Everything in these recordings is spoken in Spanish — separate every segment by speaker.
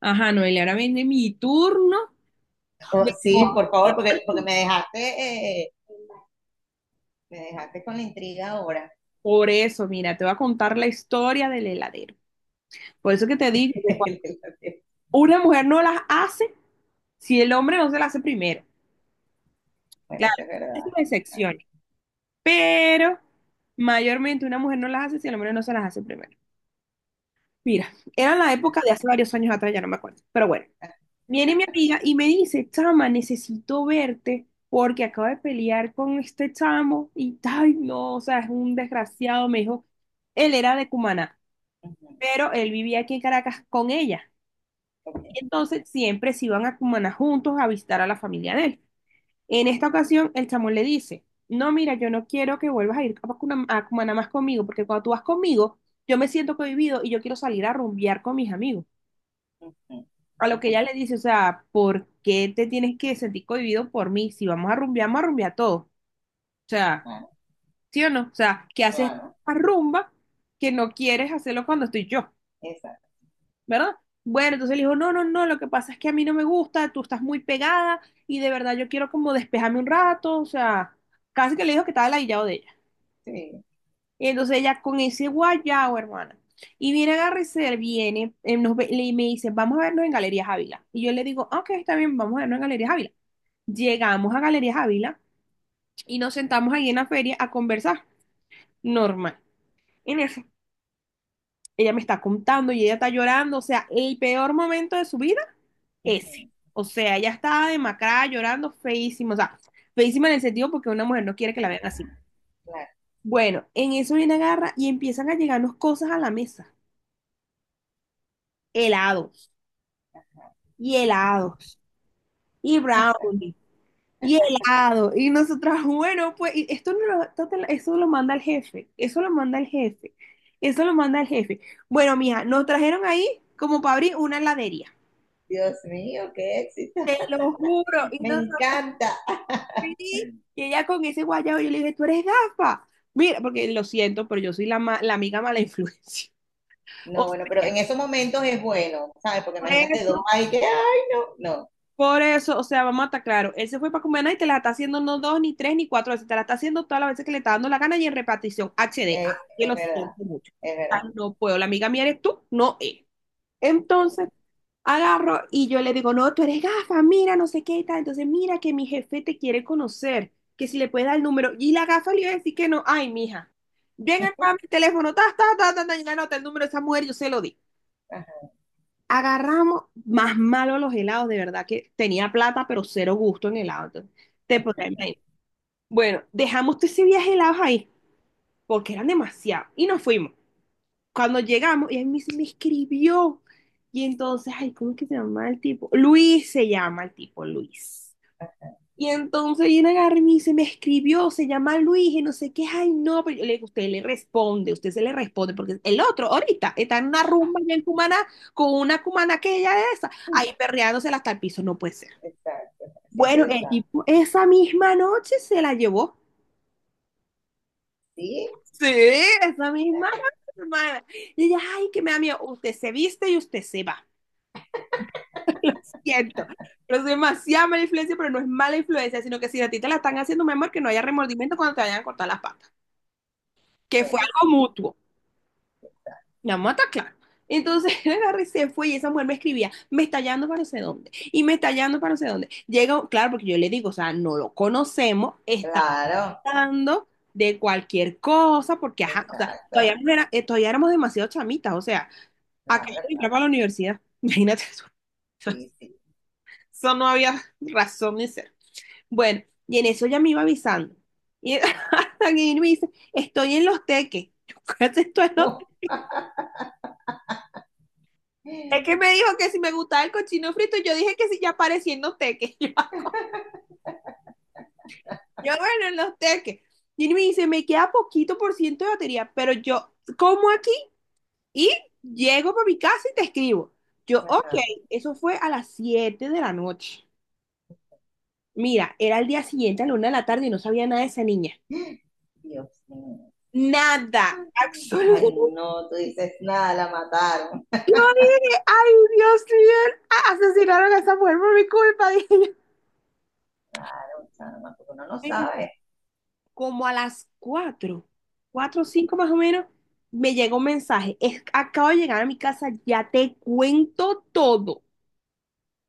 Speaker 1: Ajá, Noelia, ahora viene mi turno
Speaker 2: Oh,
Speaker 1: de
Speaker 2: sí,
Speaker 1: moda.
Speaker 2: por favor, porque me dejaste con la intriga ahora.
Speaker 1: Por eso, mira, te voy a contar la historia del heladero. Por eso que te digo que cuando una mujer no las hace si el hombre no se las hace primero.
Speaker 2: Bueno,
Speaker 1: Claro,
Speaker 2: eso es
Speaker 1: hay
Speaker 2: verdad.
Speaker 1: sus
Speaker 2: Ajá,
Speaker 1: excepciones, pero mayormente una mujer no las hace si el hombre no se las hace primero. Mira, era la época de hace varios años atrás, ya no me acuerdo, pero bueno. Viene mi amiga y me dice, chama, necesito verte porque acabo de pelear con este chamo y, ay, no, o sea, es un desgraciado, me dijo, él era de Cumaná,
Speaker 2: ujú,
Speaker 1: pero él vivía aquí en Caracas con ella.
Speaker 2: ok,
Speaker 1: Y entonces siempre se iban a Cumaná juntos a visitar a la familia de él. En esta ocasión, el chamo le dice, no, mira, yo no quiero que vuelvas a ir a Cumaná, más conmigo, porque cuando tú vas conmigo, yo me siento cohibido y yo quiero salir a rumbear con mis amigos.
Speaker 2: ujú,
Speaker 1: A lo que
Speaker 2: ujú.
Speaker 1: ella le dice, o sea, ¿por qué te tienes que sentir cohibido por mí? Si vamos a rumbear, vamos a rumbear todo. O sea,
Speaker 2: Claro,
Speaker 1: ¿sí o no? O sea, ¿qué haces
Speaker 2: claro,
Speaker 1: una rumba que no quieres hacerlo cuando estoy yo?
Speaker 2: exacto,
Speaker 1: ¿Verdad? Bueno, entonces le dijo, no, no, no, lo que pasa es que a mí no me gusta, tú estás muy pegada y de verdad yo quiero como despejarme un rato, o sea, casi que le dijo que estaba ladillado de ella.
Speaker 2: sí,
Speaker 1: Y entonces ella con ese guayao, hermana. Y viene agarra y se viene, me dice, vamos a vernos en Galerías Ávila. Y yo le digo, "Ah, ok, está bien, vamos a vernos en Galerías Ávila." Llegamos a Galerías Ávila y nos sentamos ahí en la feria a conversar. Normal. En eso, ella me está contando y ella está llorando. O sea, el peor momento de su vida, ese.
Speaker 2: ujú,
Speaker 1: O sea, ella está demacrada, llorando, feísima. O sea, feísima en el sentido porque una mujer no quiere que la vean así.
Speaker 2: claro.
Speaker 1: Bueno, en eso viene agarra y empiezan a llegarnos cosas a la mesa. Helados y helados y brownies y helado. Y nosotras, bueno, pues y esto, no lo- esto te lo- eso lo manda el jefe, eso lo manda el jefe, eso lo manda el jefe. Bueno, mija, nos trajeron ahí como para abrir una heladería.
Speaker 2: Dios mío, qué éxito.
Speaker 1: Te lo juro. Y
Speaker 2: Me
Speaker 1: nosotros,
Speaker 2: encanta.
Speaker 1: sí, y ella con ese guayabo, yo le dije, tú eres gafa. Mira, porque lo siento, pero yo soy la amiga mala influencia. O
Speaker 2: No, bueno, pero
Speaker 1: sea,
Speaker 2: en esos momentos es bueno, ¿sabes? Porque
Speaker 1: por
Speaker 2: imagínate dos
Speaker 1: eso
Speaker 2: ahí que, ay, no, no,
Speaker 1: Por eso, o sea, vamos a estar claro, él se fue para Cumaná y te la está haciendo no dos, ni tres, ni cuatro veces, te la está haciendo todas las veces que le está dando la gana y en repartición HD.
Speaker 2: es,
Speaker 1: Ah, yo
Speaker 2: es
Speaker 1: lo
Speaker 2: verdad,
Speaker 1: siento mucho.
Speaker 2: es
Speaker 1: Ah,
Speaker 2: verdad.
Speaker 1: no puedo, la amiga mía eres tú, no él. Entonces, agarro y yo le digo, no, tú eres gafa, mira, no sé qué y tal. Entonces, mira que mi jefe te quiere conocer, que si le puedes dar el número. Y la gafa le iba a decir que no, ay, mija, ven acá a mi teléfono, ta, ta, ta, ta, ta, y le anota el número de esa mujer, yo se lo di.
Speaker 2: Ajá,
Speaker 1: Agarramos más malo los helados, de verdad que tenía plata, pero cero gusto en helado. Entonces, te podrás imaginar. Bueno, dejamos todos esos viaje helados ahí, porque eran demasiados, y nos fuimos. Cuando llegamos, y él me dice, me escribió, y entonces, ay, ¿cómo es que se llama el tipo? Luis se llama el tipo, Luis. Y entonces viene agarra y me dice, me escribió, se llama Luis y no sé qué, ay no, pero yo le digo, usted le responde, usted se le responde, porque el otro ahorita está en una rumba allá en Cumaná con una cumana que ella es esa, ahí perreándosela hasta el piso, no puede ser.
Speaker 2: exacto, haciendo
Speaker 1: Bueno, el
Speaker 2: esa.
Speaker 1: tipo esa misma noche se la llevó.
Speaker 2: Sí,
Speaker 1: Sí, esa misma noche, hermana. Y ella, ay, que me da miedo, usted se viste y usted se va. Siento, pero es demasiada mala influencia, pero no es mala influencia, sino que si a ti te la están haciendo, mi amor, que no haya remordimiento cuando te vayan a cortar las patas. Que fue
Speaker 2: bueno,
Speaker 1: algo
Speaker 2: sí,
Speaker 1: mutuo. Vamos mata claro. Entonces él agarra y se fue y esa mujer me escribía, me está hallando para no sé dónde, y me está hallando para no sé dónde. Llega, claro, porque yo le digo, o sea, no lo conocemos, está
Speaker 2: claro,
Speaker 1: hablando de cualquier cosa, porque ajá, o sea, todavía,
Speaker 2: exacto.
Speaker 1: no era- todavía éramos demasiado chamitas, o sea, acá
Speaker 2: Claro,
Speaker 1: yo
Speaker 2: claro,
Speaker 1: entraba para la universidad, imagínate eso.
Speaker 2: sí, sí.
Speaker 1: Eso no había razón de ser. Bueno, y en eso ya me iba avisando. Y hasta que me dice, estoy en los teques. Yo, ¿qué haces tú en los?
Speaker 2: Oh,
Speaker 1: Es que me dijo que si me gustaba el cochino frito, yo dije que si ya aparecía en los teques. Bueno, en los teques. Y me dice, me queda poquito por ciento de batería, pero yo como aquí y llego para mi casa y te escribo. Yo, ok,
Speaker 2: ajá.
Speaker 1: eso fue a las 7 de la noche. Mira, era el día siguiente a la 1 de la tarde y no sabía nada de esa niña.
Speaker 2: Dios mío.
Speaker 1: Nada,
Speaker 2: Ay,
Speaker 1: absolutamente.
Speaker 2: no, tú dices nada, la mataron.
Speaker 1: Yo dije, ay, Dios mío, asesinaron a esa mujer por mi culpa, dije
Speaker 2: Claro, chama, porque uno no
Speaker 1: yo.
Speaker 2: sabe.
Speaker 1: Como a las cuatro, cuatro o 5 más o menos, me llegó un mensaje. Es, acabo de llegar a mi casa, ya te cuento todo.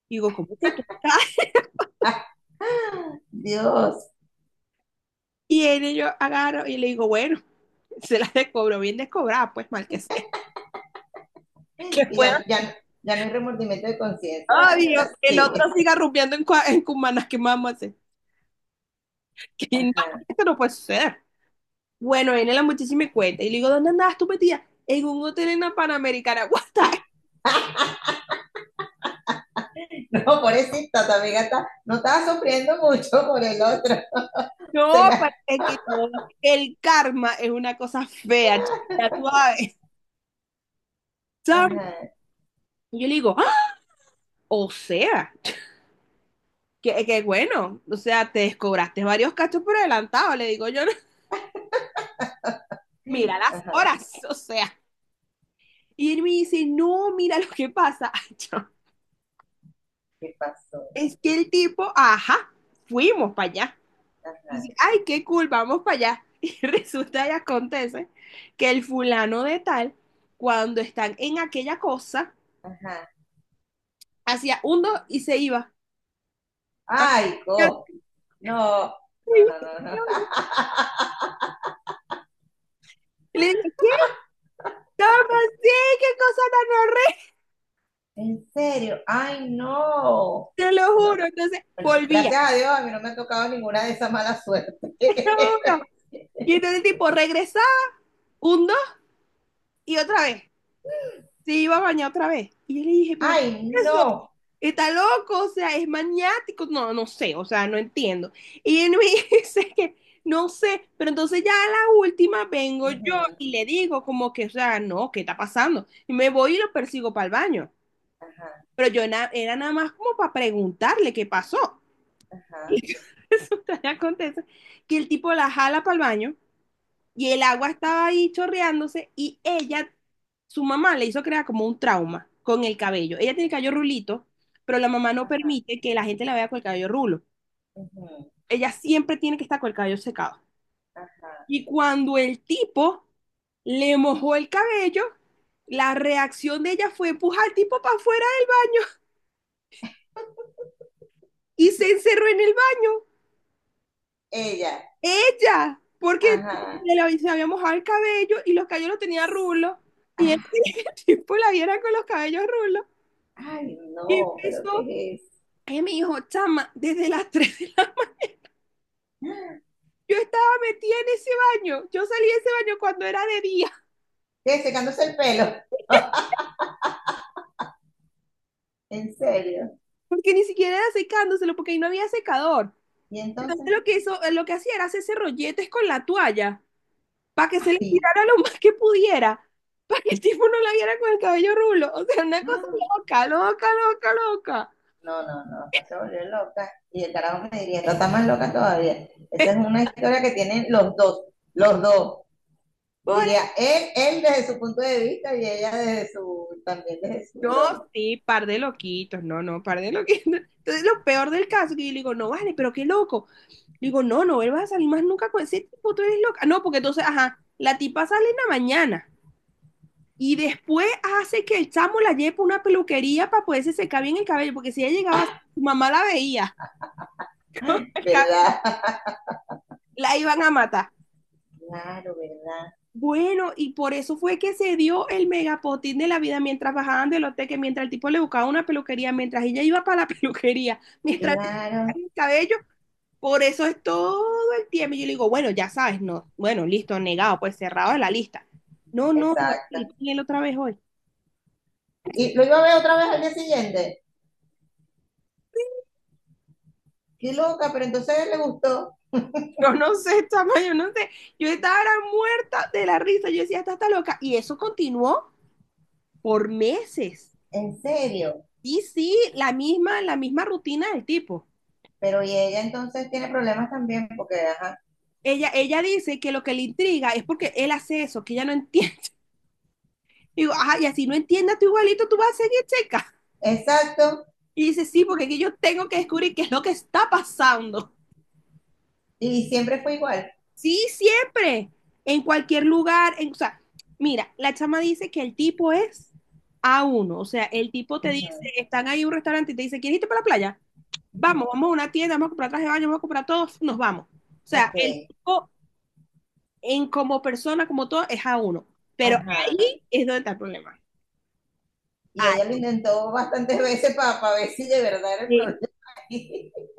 Speaker 1: Y digo, ¿cómo que tú estás?
Speaker 2: Ah, ah, Dios.
Speaker 1: Y él, yo agarro y le digo, bueno, se la descobro, bien descobrada, pues mal que sea. Que
Speaker 2: Y
Speaker 1: pueda,
Speaker 2: ya, ya, no- ya no hay remordimiento de conciencia, dale,
Speaker 1: ay, yo,
Speaker 2: ahora
Speaker 1: que el otro
Speaker 2: sí.
Speaker 1: siga rumbeando en Cumaná, ¿qué más vamos a hacer? Que no,
Speaker 2: Ajá.
Speaker 1: esto no puede ser. Bueno, viene la muchísima cuenta y le digo, ¿dónde andabas tú metida? En un hotel en la Panamericana. What the.
Speaker 2: No, pobrecita, tu amiga está, no estaba sufriendo mucho por el otro.
Speaker 1: No,
Speaker 2: Se la-
Speaker 1: parece que no. El karma es una cosa fea, chica, tú sabes. Sam,
Speaker 2: ajá,
Speaker 1: y yo le digo, "Ah, o sea, que bueno, o sea, te descobraste varios cachos por adelantado, le digo yo, mira las
Speaker 2: ajá,
Speaker 1: horas, o sea." Y él me dice, no, mira lo que pasa. Yo,
Speaker 2: ¿qué pasó?
Speaker 1: es que el tipo, ajá, fuimos para allá.
Speaker 2: Ajá,
Speaker 1: Y dice, ay, qué cool, vamos para allá. Y resulta y acontece que el fulano de tal, cuando están en aquella cosa,
Speaker 2: ajá.
Speaker 1: hacía un dos y se iba. a-
Speaker 2: Ay, co. No, no, no, no, no.
Speaker 1: Y le dije, ¿qué? No. ¿Cómo sí? ¿Qué cosa tan horrible?
Speaker 2: En serio, ay no.
Speaker 1: Te lo
Speaker 2: No,
Speaker 1: juro. Entonces
Speaker 2: bueno,
Speaker 1: volvía,
Speaker 2: gracias a Dios a mí no me ha tocado ninguna de esas malas suertes.
Speaker 1: te lo juro. Y entonces el tipo regresaba, un, dos y otra vez. Se iba a bañar otra vez. Y yo le dije, ¿pero qué
Speaker 2: Ay
Speaker 1: es
Speaker 2: no.
Speaker 1: eso? Está loco, o sea, es maniático. No, no sé, o sea, no entiendo. Y él me dice que no sé, pero entonces ya a la última vengo yo
Speaker 2: Ujú,
Speaker 1: y le digo como que, o sea, no, ¿qué está pasando? Y me voy y lo persigo para el baño.
Speaker 2: ajá,
Speaker 1: Pero yo na era nada más como para preguntarle qué pasó.
Speaker 2: ajá,
Speaker 1: Y resulta que acontece que el tipo la jala para el baño y el agua estaba ahí chorreándose y ella, su mamá le hizo crear como un trauma con el cabello. Ella tiene el cabello rulito, pero la mamá no
Speaker 2: ajá,
Speaker 1: permite que la gente la vea con el cabello rulo.
Speaker 2: ujú,
Speaker 1: Ella siempre tiene que estar con el cabello secado.
Speaker 2: ajá.
Speaker 1: Y cuando el tipo le mojó el cabello, la reacción de ella fue empujar al tipo para afuera del baño y se encerró en el baño.
Speaker 2: Ella,
Speaker 1: Ella, porque
Speaker 2: ajá.
Speaker 1: se había mojado el cabello y los cabellos los tenía rulos. Y el
Speaker 2: Ah,
Speaker 1: tipo la viera con los cabellos rulos.
Speaker 2: ay
Speaker 1: Y
Speaker 2: no, pero
Speaker 1: empezó,
Speaker 2: ¿qué es?
Speaker 1: ella me dijo, chama, desde las 3 de la mañana. Yo estaba metida en ese baño. Yo salí de ese baño cuando era de día,
Speaker 2: ¿Qué? Secándose el pelo. En serio.
Speaker 1: porque ni siquiera era secándoselo, porque ahí no había secador.
Speaker 2: Y entonces,
Speaker 1: Entonces lo que hizo, lo que hacía era hacerse rolletes con la toalla, para que se le
Speaker 2: ay.
Speaker 1: tirara lo más que pudiera, para que el tipo no la viera con el cabello rulo. O sea, una cosa
Speaker 2: Ah,
Speaker 1: loca, loca, loca, loca.
Speaker 2: no, no, no, está se volvió loca. Y el carajo me diría, "Esta está más loca todavía. Esa es una historia que tienen los dos, los dos.
Speaker 1: Pobre
Speaker 2: Diría, él desde su punto de vista y ella desde su, también desde su
Speaker 1: No,
Speaker 2: broma.
Speaker 1: sí, par de loquitos, no, no, par de loquitos. Entonces, lo peor del caso, que yo le digo, no, vale, pero qué loco. Le digo, no, no, él va a salir más nunca con ese tipo, tú eres loca. No, porque entonces, ajá, la tipa sale en la mañana y después hace que el chamo la lleve para una peluquería para poderse secar bien el cabello, porque si ella llegaba, su mamá la veía, el cabello,
Speaker 2: ¿Verdad?
Speaker 1: la iban a matar.
Speaker 2: Claro, ¿verdad?
Speaker 1: Bueno, y por eso fue que se dio el megapotín de la vida mientras bajaban del hotel, que mientras el tipo le buscaba una peluquería, mientras ella iba para la peluquería, mientras le
Speaker 2: Claro.
Speaker 1: secaban el cabello, por eso es todo el tiempo. Y yo le digo, bueno, ya sabes, no, bueno, listo, negado, pues cerrado de la lista. No, no, voy a
Speaker 2: Exacto.
Speaker 1: salir con él otra vez hoy.
Speaker 2: Y lo iba a ver otra vez al día siguiente. Qué loca, pero entonces a él le gustó.
Speaker 1: Yo no sé, chama, yo no sé. Yo estaba era muerta de la risa. Yo decía, esta está loca. Y eso continuó por meses.
Speaker 2: En serio.
Speaker 1: Y sí, la misma rutina del tipo.
Speaker 2: Pero y ella entonces tiene problemas también porque, ajá.
Speaker 1: Ella dice que lo que le intriga es porque él hace eso, que ella no entiende. Y digo, ajá, y así no entiendas tú igualito, tú vas a seguir checa.
Speaker 2: Exacto.
Speaker 1: Y dice, sí, porque aquí yo tengo que descubrir qué es lo que está pasando.
Speaker 2: Y siempre fue igual.
Speaker 1: Sí, siempre. En cualquier lugar. O sea, mira, la chama dice que el tipo es a uno. O sea, el tipo te dice,
Speaker 2: Ujú,
Speaker 1: están ahí en un restaurante y te dice, ¿quieres irte para la playa? Vamos,
Speaker 2: ujú.
Speaker 1: vamos a una tienda, vamos a comprar traje de baño, vamos a comprar todo, nos vamos. O sea,
Speaker 2: Ok.
Speaker 1: el tipo en como persona, como todo, es a uno. Pero
Speaker 2: Ajá.
Speaker 1: ahí es donde está el problema.
Speaker 2: Y ella lo intentó bastantes veces para ver si de verdad era el
Speaker 1: Ahí,
Speaker 2: problema.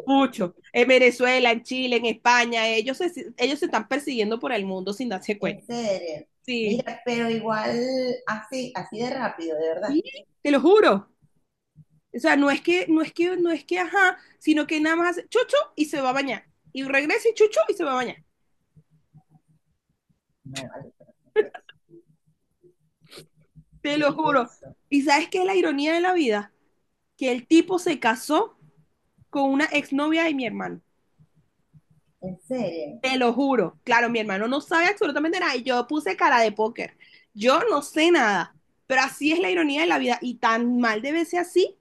Speaker 1: mucho. En Venezuela, en Chile, en España, ellos se están persiguiendo por el mundo sin darse cuenta.
Speaker 2: En serio.
Speaker 1: Sí,
Speaker 2: Mira, pero igual así, así de rápido, de verdad.
Speaker 1: sí, te lo juro. O sea, no es que, no es que, no es que, ajá, sino que nada más hace chucho y se va a bañar. Y regresa y chuchu y se va a bañar.
Speaker 2: No, vale, pero ¿qué
Speaker 1: Te lo
Speaker 2: es-
Speaker 1: juro.
Speaker 2: eso?
Speaker 1: ¿Y sabes qué es la ironía de la vida? Que el tipo se casó con una exnovia de mi hermano.
Speaker 2: En serio.
Speaker 1: Te lo juro. Claro, mi hermano no sabe absolutamente nada. Y yo puse cara de póker. Yo no sé nada. Pero así es la ironía de la vida. Y tan mal debe ser así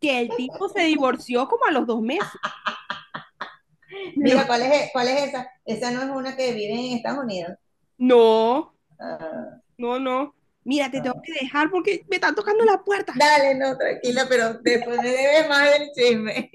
Speaker 1: que el tipo se divorció como a los 2 meses. Te lo-
Speaker 2: Mira, ¿cuál es esa? Esa no es una que vive en Estados Unidos.
Speaker 1: No,
Speaker 2: Ah,
Speaker 1: no, no. Mira, te tengo que
Speaker 2: ah.
Speaker 1: dejar porque me están tocando la puerta.
Speaker 2: Dale, no, tranquila, pero después me debes más del chisme.